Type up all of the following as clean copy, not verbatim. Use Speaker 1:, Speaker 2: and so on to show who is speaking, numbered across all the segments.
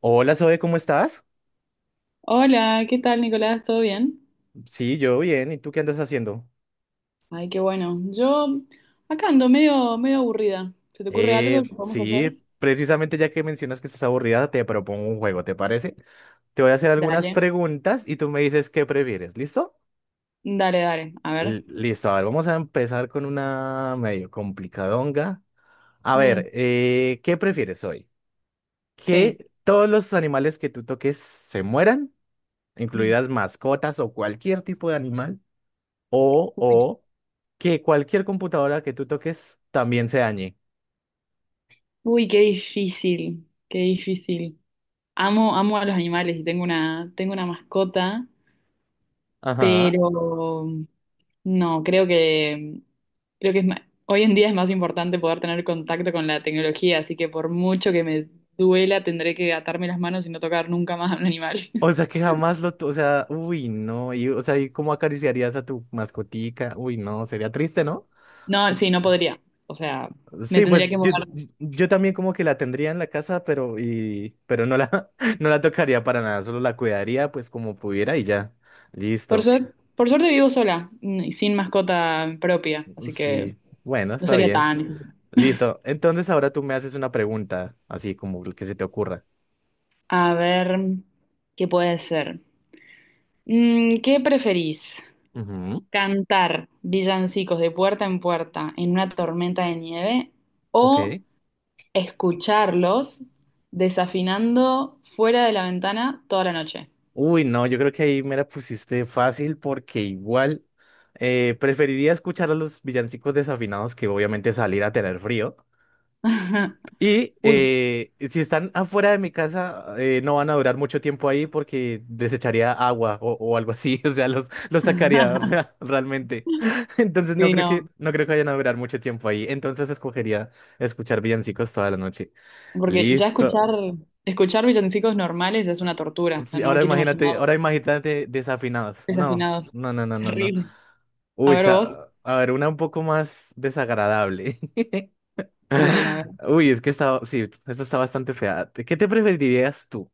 Speaker 1: Hola Zoe, ¿cómo estás?
Speaker 2: Hola, ¿qué tal, Nicolás? ¿Todo bien?
Speaker 1: Sí, yo bien. ¿Y tú qué andas haciendo?
Speaker 2: Ay, qué bueno. Yo acá ando medio, medio aburrida. ¿Se te ocurre
Speaker 1: Eh,
Speaker 2: algo que podemos hacer?
Speaker 1: sí, precisamente ya que mencionas que estás aburrida, te propongo un juego, ¿te parece? Te voy a hacer algunas
Speaker 2: Dale.
Speaker 1: preguntas y tú me dices qué prefieres, ¿listo?
Speaker 2: Dale, dale. A ver.
Speaker 1: Listo, a ver, vamos a empezar con una medio complicadonga. A
Speaker 2: Mm,
Speaker 1: ver, ¿qué prefieres hoy?
Speaker 2: sí.
Speaker 1: ¿Que todos los animales que tú toques se mueran,
Speaker 2: Mm.
Speaker 1: incluidas mascotas o cualquier tipo de animal? O,
Speaker 2: Uy,
Speaker 1: o que cualquier computadora que tú toques también se dañe.
Speaker 2: uy, qué difícil. Qué difícil. Amo, amo a los animales y tengo una mascota.
Speaker 1: Ajá.
Speaker 2: Pero no, creo que es hoy en día es más importante poder tener contacto con la tecnología, así que por mucho que me duela, tendré que atarme las manos y no tocar nunca más a un animal.
Speaker 1: O sea, que jamás lo, o sea, uy, no, y, o sea, ¿y cómo acariciarías a tu mascotica? Uy, no, sería triste, ¿no?
Speaker 2: No, sí, no podría. O sea, me
Speaker 1: Sí,
Speaker 2: tendría
Speaker 1: pues
Speaker 2: que
Speaker 1: yo,
Speaker 2: mudar.
Speaker 1: yo yo también como que la tendría en la casa, pero, y, pero no la, no la tocaría para nada, solo la cuidaría pues como pudiera y ya, listo.
Speaker 2: Por suerte vivo sola, y sin mascota propia, así que
Speaker 1: Sí, bueno,
Speaker 2: no
Speaker 1: está
Speaker 2: sería
Speaker 1: bien.
Speaker 2: tan.
Speaker 1: Listo, entonces ahora tú me haces una pregunta, así como el que se te ocurra.
Speaker 2: A ver, ¿qué puede ser? ¿Qué preferís?
Speaker 1: Ujú.
Speaker 2: Cantar villancicos de puerta en puerta en una tormenta de nieve o
Speaker 1: Ok.
Speaker 2: escucharlos desafinando fuera de la ventana toda la noche.
Speaker 1: Uy, no, yo creo que ahí me la pusiste fácil porque igual preferiría escuchar a los villancicos desafinados que obviamente salir a tener frío. Y
Speaker 2: Uy.
Speaker 1: si están afuera de mi casa, no van a durar mucho tiempo ahí porque desecharía agua o algo así. O sea, los sacaría re- realmente. Entonces
Speaker 2: Sí, no,
Speaker 1: no creo que vayan a durar mucho tiempo ahí. Entonces escogería escuchar villancicos toda la noche.
Speaker 2: porque ya escuchar,
Speaker 1: Listo.
Speaker 2: escuchar villancicos normales es
Speaker 1: Ah,
Speaker 2: una tortura. O sea,
Speaker 1: sí,
Speaker 2: no me quiero imaginar
Speaker 1: ahora imagínate desafinados. No,
Speaker 2: desafinados.
Speaker 1: no, no, no, no, no.
Speaker 2: Terrible. A
Speaker 1: Uy,
Speaker 2: ver vos.
Speaker 1: a ver, una un poco más desagradable.
Speaker 2: Uy, a ver.
Speaker 1: Uy, es que está, sí, esta está bastante fea. ¿Qué te preferirías tú?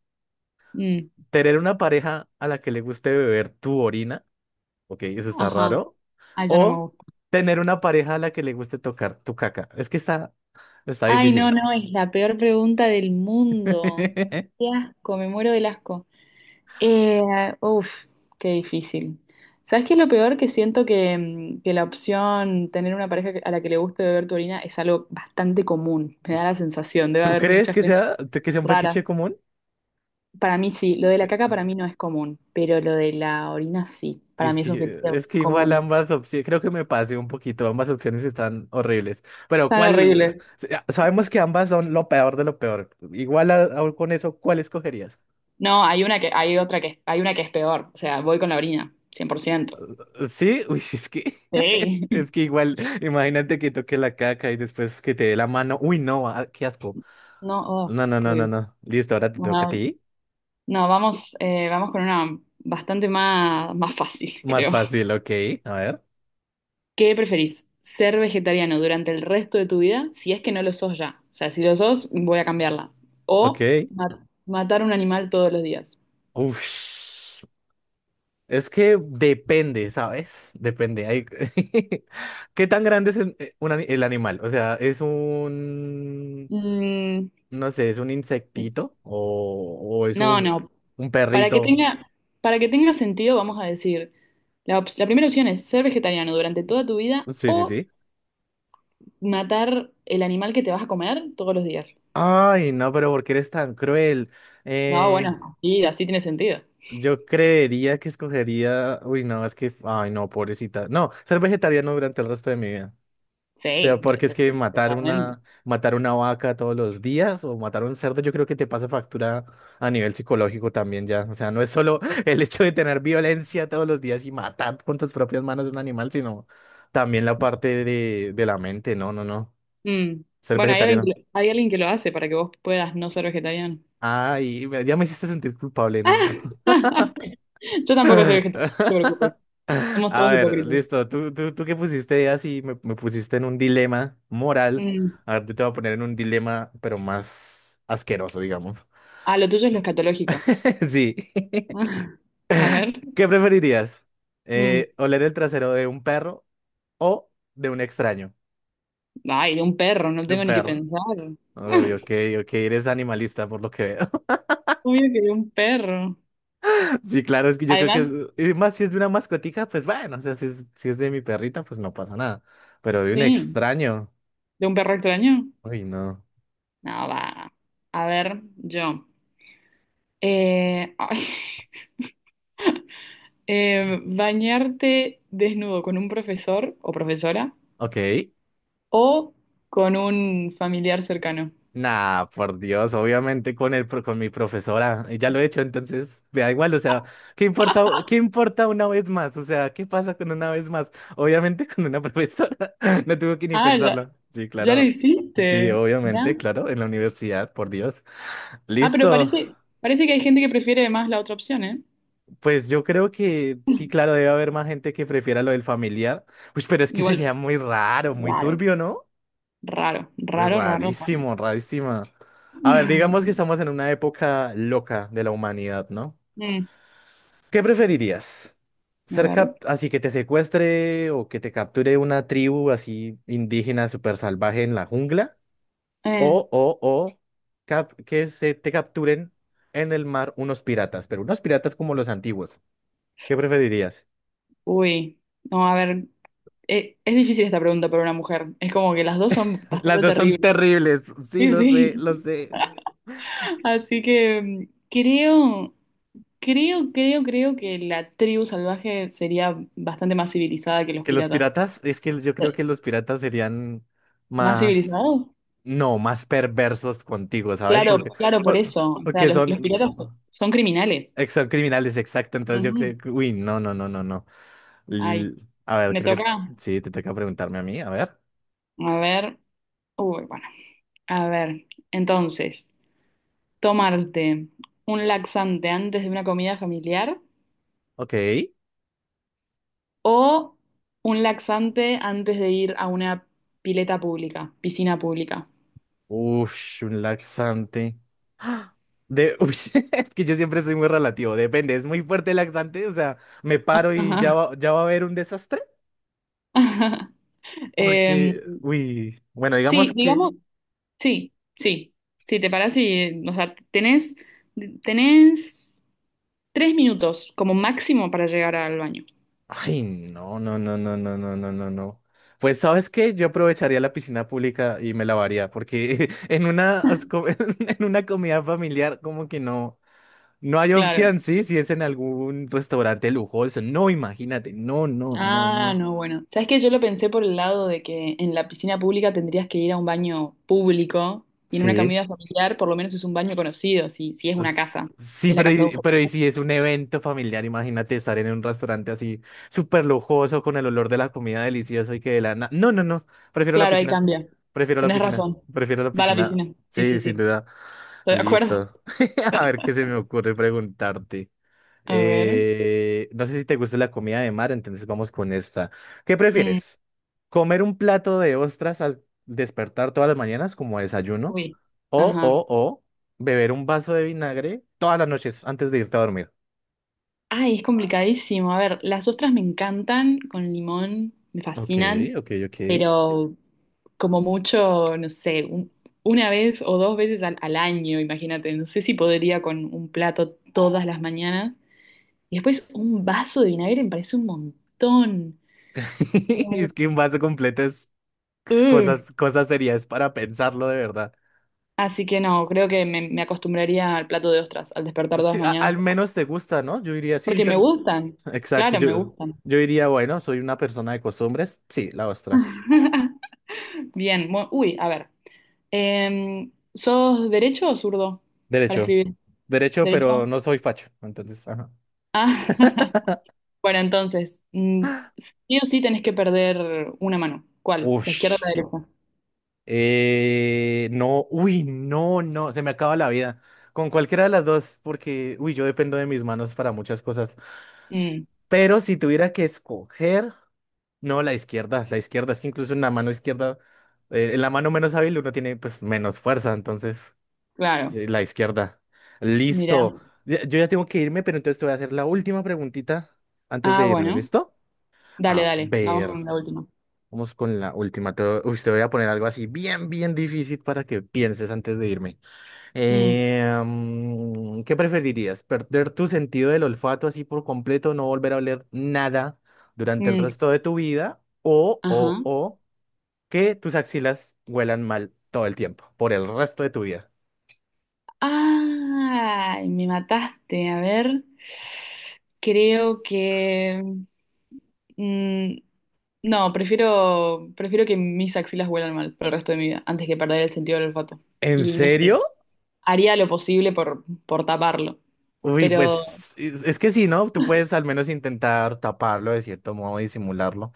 Speaker 2: Mm,
Speaker 1: ¿Tener una pareja a la que le guste beber tu orina? Ok, eso está
Speaker 2: ajá.
Speaker 1: raro.
Speaker 2: Ay, ya no me
Speaker 1: ¿O
Speaker 2: gusta.
Speaker 1: tener una pareja a la que le guste tocar tu caca? Está
Speaker 2: Ay, no,
Speaker 1: difícil.
Speaker 2: no, es la peor pregunta del mundo. Qué asco, me muero del asco. Eh, uf, qué difícil. ¿Sabes qué es lo peor? Que siento que, que la opción tener una pareja a la que le guste beber tu orina es algo bastante común. Me da la sensación, debe
Speaker 1: ¿Tú
Speaker 2: haber
Speaker 1: crees
Speaker 2: mucha
Speaker 1: que
Speaker 2: gente
Speaker 1: que sea un
Speaker 2: rara.
Speaker 1: fetiche común?
Speaker 2: Para mí sí, lo de la caca para mí no es común, pero lo de la orina sí. Para mí es un fetiche
Speaker 1: Es que igual
Speaker 2: común.
Speaker 1: ambas opciones, creo que me pasé un poquito, ambas opciones están horribles. Pero
Speaker 2: Tan
Speaker 1: ¿cuál?
Speaker 2: horribles.
Speaker 1: Ya, sabemos que ambas son lo peor de lo peor. Igual aún con eso, ¿cuál escogerías?
Speaker 2: No, hay una que, hay otra que, hay una que es peor. O sea, voy con la orina, 100%.
Speaker 1: Sí, uy, es que,
Speaker 2: Sí.
Speaker 1: es que igual, imagínate que toque la caca y después que te dé la mano. Uy, no, ah, qué asco.
Speaker 2: No, oh,
Speaker 1: No, no,
Speaker 2: por
Speaker 1: no, no,
Speaker 2: Dios.
Speaker 1: no. Listo, ahora te toca a
Speaker 2: No,
Speaker 1: ti.
Speaker 2: no, vamos, vamos con una bastante más, más fácil,
Speaker 1: Más
Speaker 2: creo.
Speaker 1: fácil, ok. A ver,
Speaker 2: ¿Qué preferís? ¿Ser vegetariano durante el resto de tu vida? Si es que no lo sos ya. O sea, si lo sos, voy a cambiarla. O
Speaker 1: ok.
Speaker 2: matar un animal todos los días.
Speaker 1: Uf. Es que depende, ¿sabes? Depende. Hay... ¿Qué tan grande es el el animal? O sea, ¿es un,
Speaker 2: Mm,
Speaker 1: no sé, es un insectito o es
Speaker 2: no, no.
Speaker 1: un
Speaker 2: Para que
Speaker 1: perrito?
Speaker 2: tenga, para que tenga sentido, vamos a decir, la primera opción es ser vegetariano durante toda tu vida
Speaker 1: Sí, sí,
Speaker 2: o
Speaker 1: sí.
Speaker 2: matar el animal que te vas a comer todos los días.
Speaker 1: Ay, no, pero ¿por qué eres tan cruel?
Speaker 2: No,
Speaker 1: Eh,
Speaker 2: bueno, y así tiene sentido.
Speaker 1: yo creería que escogería... Uy, no, es que... Ay, no, pobrecita. No, ser vegetariano durante el resto de mi vida. O sea,
Speaker 2: Sí,
Speaker 1: porque es que
Speaker 2: totalmente.
Speaker 1: matar una vaca todos los días o matar un cerdo, yo creo que te pasa factura a nivel psicológico también ya. O sea, no es solo el hecho de tener violencia todos los días y matar con tus propias manos un animal, sino también la parte de la mente. No, no, no.
Speaker 2: Mm.
Speaker 1: Ser
Speaker 2: Bueno, hay alguien que,
Speaker 1: vegetariano.
Speaker 2: hay alguien que lo hace para que vos puedas no ser vegetariano.
Speaker 1: Ay, ya me hiciste sentir culpable, ¿no?
Speaker 2: Yo tampoco soy vegetariano, no te preocupes. Somos
Speaker 1: A
Speaker 2: todos
Speaker 1: ver,
Speaker 2: hipócritas.
Speaker 1: listo. Tú que pusiste así, me pusiste en un dilema moral.
Speaker 2: Mm.
Speaker 1: A ver, yo te voy a poner en un dilema, pero más asqueroso, digamos.
Speaker 2: Ah, lo tuyo es lo escatológico.
Speaker 1: Sí.
Speaker 2: A ver.
Speaker 1: ¿Qué preferirías?
Speaker 2: Mm.
Speaker 1: ¿Oler el trasero de un perro o de un extraño?
Speaker 2: Ay, de un perro, no
Speaker 1: De un
Speaker 2: tengo ni que
Speaker 1: perro.
Speaker 2: pensar.
Speaker 1: Uy, ok, ok, eres animalista por lo que veo.
Speaker 2: Obvio que de un perro.
Speaker 1: Sí, claro, es que yo creo que es,
Speaker 2: Además,
Speaker 1: y más si es de una mascotica, pues bueno, o sea, si es de mi perrita, pues no pasa nada. Pero de un
Speaker 2: sí,
Speaker 1: extraño,
Speaker 2: de un perro extraño.
Speaker 1: uy, no.
Speaker 2: No, va. A ver, yo. Ay. Bañarte desnudo con un profesor o profesora
Speaker 1: Ok.
Speaker 2: o con un familiar cercano.
Speaker 1: Nah, por Dios, obviamente con con mi profesora, y ya lo he hecho, entonces me da igual, o sea, qué importa una vez más? O sea, ¿qué pasa con una vez más? Obviamente con una profesora, no tuve que ni
Speaker 2: Ah, ya,
Speaker 1: pensarlo. Sí,
Speaker 2: ya lo
Speaker 1: claro. Sí,
Speaker 2: hiciste. ¿Ya?
Speaker 1: obviamente, claro, en la universidad, por Dios.
Speaker 2: Ah, pero
Speaker 1: Listo.
Speaker 2: parece, parece que hay gente que prefiere más la otra opción, ¿eh?
Speaker 1: Pues yo creo que sí, claro, debe haber más gente que prefiera lo del familiar. Pues, pero es que sería
Speaker 2: Igual,
Speaker 1: muy raro, muy
Speaker 2: raro,
Speaker 1: turbio, ¿no?
Speaker 2: raro,
Speaker 1: Uy,
Speaker 2: raro, raro, raro.
Speaker 1: rarísimo, rarísima. A ver, digamos que estamos en una época loca de la humanidad, ¿no?
Speaker 2: Mm,
Speaker 1: ¿Qué preferirías?
Speaker 2: a ver.
Speaker 1: Así que te secuestre o que te capture una tribu así indígena súper salvaje en la jungla?
Speaker 2: Eh,
Speaker 1: O que se te capturen en el mar unos piratas, pero unos piratas como los antiguos. ¿Qué preferirías?
Speaker 2: uy, no, a ver. Es difícil esta pregunta para una mujer. Es como que las dos son
Speaker 1: Las
Speaker 2: bastante
Speaker 1: dos son
Speaker 2: terribles.
Speaker 1: terribles. Sí,
Speaker 2: Sí,
Speaker 1: lo sé,
Speaker 2: sí.
Speaker 1: lo sé.
Speaker 2: Así que creo. Creo, creo, creo que la tribu salvaje sería bastante más civilizada que los
Speaker 1: Que los
Speaker 2: piratas.
Speaker 1: piratas, es que yo creo que
Speaker 2: Eh,
Speaker 1: los piratas serían
Speaker 2: ¿Más
Speaker 1: más.
Speaker 2: civilizados?
Speaker 1: No, más perversos contigo, ¿sabes?
Speaker 2: Claro,
Speaker 1: Porque,
Speaker 2: claro, por
Speaker 1: por-
Speaker 2: eso. O sea,
Speaker 1: porque
Speaker 2: los
Speaker 1: son,
Speaker 2: piratas son criminales.
Speaker 1: son criminales, exacto. Entonces yo
Speaker 2: Ujú.
Speaker 1: creo que, uy, no, no, no, no, no.
Speaker 2: Ay,
Speaker 1: L- a ver,
Speaker 2: me
Speaker 1: creo que
Speaker 2: toca.
Speaker 1: sí, te toca preguntarme a mí, a ver.
Speaker 2: A ver. Uy, bueno. A ver. Entonces, tomarte un laxante antes de una comida familiar
Speaker 1: Ok.
Speaker 2: o un laxante antes de ir a una pileta pública, piscina pública.
Speaker 1: Ush, un laxante. ¡Ah! De, uy, es que yo siempre soy muy relativo, depende, es muy fuerte el laxante, o sea, me paro y
Speaker 2: Ajá.
Speaker 1: ya va a haber un desastre.
Speaker 2: Em,
Speaker 1: Porque, uy, bueno, digamos
Speaker 2: sí,
Speaker 1: que...
Speaker 2: digamos. Sí, sí, sí, te parás y, o sea, tenés, tenés 3 minutos como máximo para llegar al baño.
Speaker 1: Ay, no, no, no, no, no, no, no, no, no. Pues, ¿sabes qué? Yo aprovecharía la piscina pública y me lavaría, porque en una, en una comida familiar como que no, no hay opción,
Speaker 2: Claro.
Speaker 1: ¿sí? Si es en algún restaurante lujoso. No, imagínate. No, no, no,
Speaker 2: Ah,
Speaker 1: no.
Speaker 2: no, bueno. ¿Sabes qué? Yo lo pensé por el lado de que en la piscina pública tendrías que ir a un baño público y en una
Speaker 1: Sí.
Speaker 2: comida familiar por lo menos es un baño conocido, si, si es una casa,
Speaker 1: Sí,
Speaker 2: si es la
Speaker 1: pero,
Speaker 2: casa de
Speaker 1: pero
Speaker 2: un...
Speaker 1: y si es un evento familiar, imagínate estar en un restaurante así súper lujoso con el olor de la comida delicioso y que de la... No, no, no, prefiero la
Speaker 2: Claro, ahí
Speaker 1: piscina,
Speaker 2: cambia. Tenés razón.
Speaker 1: prefiero la
Speaker 2: Va a la
Speaker 1: piscina.
Speaker 2: piscina. Sí,
Speaker 1: Sí,
Speaker 2: sí,
Speaker 1: sin
Speaker 2: sí.
Speaker 1: duda.
Speaker 2: Estoy de acuerdo.
Speaker 1: Listo. A ver qué se me ocurre preguntarte.
Speaker 2: A ver.
Speaker 1: No sé si te gusta la comida de mar, entonces vamos con esta. ¿Qué
Speaker 2: Mm,
Speaker 1: prefieres? Comer un plato de ostras al despertar todas las mañanas como desayuno.
Speaker 2: uy.
Speaker 1: O,
Speaker 2: Ajá.
Speaker 1: o, o, beber un vaso de vinagre todas las noches antes de irte a dormir.
Speaker 2: Ay, es complicadísimo. A ver, las ostras me encantan con limón, me
Speaker 1: Ok,
Speaker 2: fascinan,
Speaker 1: ok, ok.
Speaker 2: pero como mucho, no sé, una vez o dos veces al, al año, imagínate. No sé si podría con un plato todas las mañanas. Y después un vaso de vinagre me parece un montón.
Speaker 1: Es que un vaso completo es
Speaker 2: Ugh.
Speaker 1: cosas serias para pensarlo de verdad.
Speaker 2: Así que no, creo que me acostumbraría al plato de ostras al despertar todas
Speaker 1: Sí,
Speaker 2: las mañanas,
Speaker 1: al menos te gusta, ¿no? Yo diría, sí, yo
Speaker 2: porque me
Speaker 1: también.
Speaker 2: gustan.
Speaker 1: Exacto,
Speaker 2: Claro, me gustan.
Speaker 1: yo diría, bueno, soy una persona de costumbres. Sí, la ostra.
Speaker 2: Bien, uy, a ver. ¿Sos derecho o zurdo para
Speaker 1: Derecho.
Speaker 2: escribir?
Speaker 1: Derecho, pero
Speaker 2: ¿Derecho?
Speaker 1: no soy facho. Entonces, ajá.
Speaker 2: Ah, bueno, entonces, sí o sí tenés que perder una mano. ¿Cuál? ¿La izquierda o la
Speaker 1: Ush.
Speaker 2: derecha?
Speaker 1: No, uy, no, no, se me acaba la vida. Con cualquiera de las dos, porque, uy, yo dependo de mis manos para muchas cosas.
Speaker 2: Mm,
Speaker 1: Pero si tuviera que escoger, no, la izquierda, es que incluso en la mano izquierda, en la mano menos hábil uno tiene pues menos fuerza, entonces,
Speaker 2: claro,
Speaker 1: sí, la izquierda.
Speaker 2: mira.
Speaker 1: Listo. Yo ya tengo que irme, pero entonces te voy a hacer la última preguntita antes
Speaker 2: Ah,
Speaker 1: de irnos,
Speaker 2: bueno.
Speaker 1: ¿listo?
Speaker 2: Dale,
Speaker 1: A
Speaker 2: dale, vamos
Speaker 1: ver.
Speaker 2: con la última.
Speaker 1: Vamos con la última. Te, uy, te voy a poner algo así bien, bien difícil para que pienses antes de irme.
Speaker 2: Mm,
Speaker 1: ¿Qué preferirías? ¿Perder tu sentido del olfato así por completo, no volver a oler nada durante el
Speaker 2: mm,
Speaker 1: resto de tu vida? ¿O, o,
Speaker 2: ajá.
Speaker 1: o que tus axilas huelan mal todo el tiempo, por el resto de tu vida?
Speaker 2: Ay, me mataste. A ver, creo que... mm, no, prefiero, prefiero que mis axilas huelan mal por el resto de mi vida, antes que perder el sentido del olfato.
Speaker 1: ¿En
Speaker 2: Y no
Speaker 1: serio?
Speaker 2: sé, haría lo posible por taparlo.
Speaker 1: Uy,
Speaker 2: Pero,
Speaker 1: pues es que sí, ¿no? Tú puedes al menos intentar taparlo de cierto modo, disimularlo,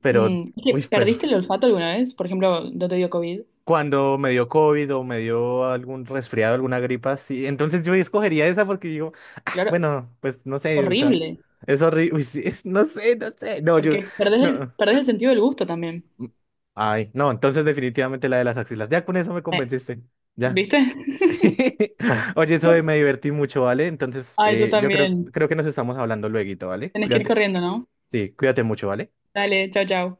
Speaker 1: pero...
Speaker 2: es que
Speaker 1: Uy, pues
Speaker 2: ¿perdiste el olfato alguna vez? Por ejemplo, no te dio COVID.
Speaker 1: cuando me dio COVID o me dio algún resfriado, alguna gripa, sí. Entonces yo escogería esa porque digo,
Speaker 2: Claro,
Speaker 1: bueno, pues no
Speaker 2: es
Speaker 1: sé, o sea,
Speaker 2: horrible,
Speaker 1: es horrible. No sé, no sé. No, yo,
Speaker 2: porque
Speaker 1: no.
Speaker 2: perdés el sentido del gusto también.
Speaker 1: mm, Ay, no, entonces definitivamente la de las axilas. Ya con eso me
Speaker 2: Eh,
Speaker 1: convenciste. Ya.
Speaker 2: ¿Viste?
Speaker 1: Sí. Oye, eso me divertí mucho, ¿vale? Entonces,
Speaker 2: Ay, yo también.
Speaker 1: creo que nos estamos hablando lueguito, ¿vale?
Speaker 2: Tenés que ir
Speaker 1: Cuídate.
Speaker 2: corriendo, ¿no?
Speaker 1: Sí, cuídate mucho, ¿vale?
Speaker 2: Dale, chao, chao.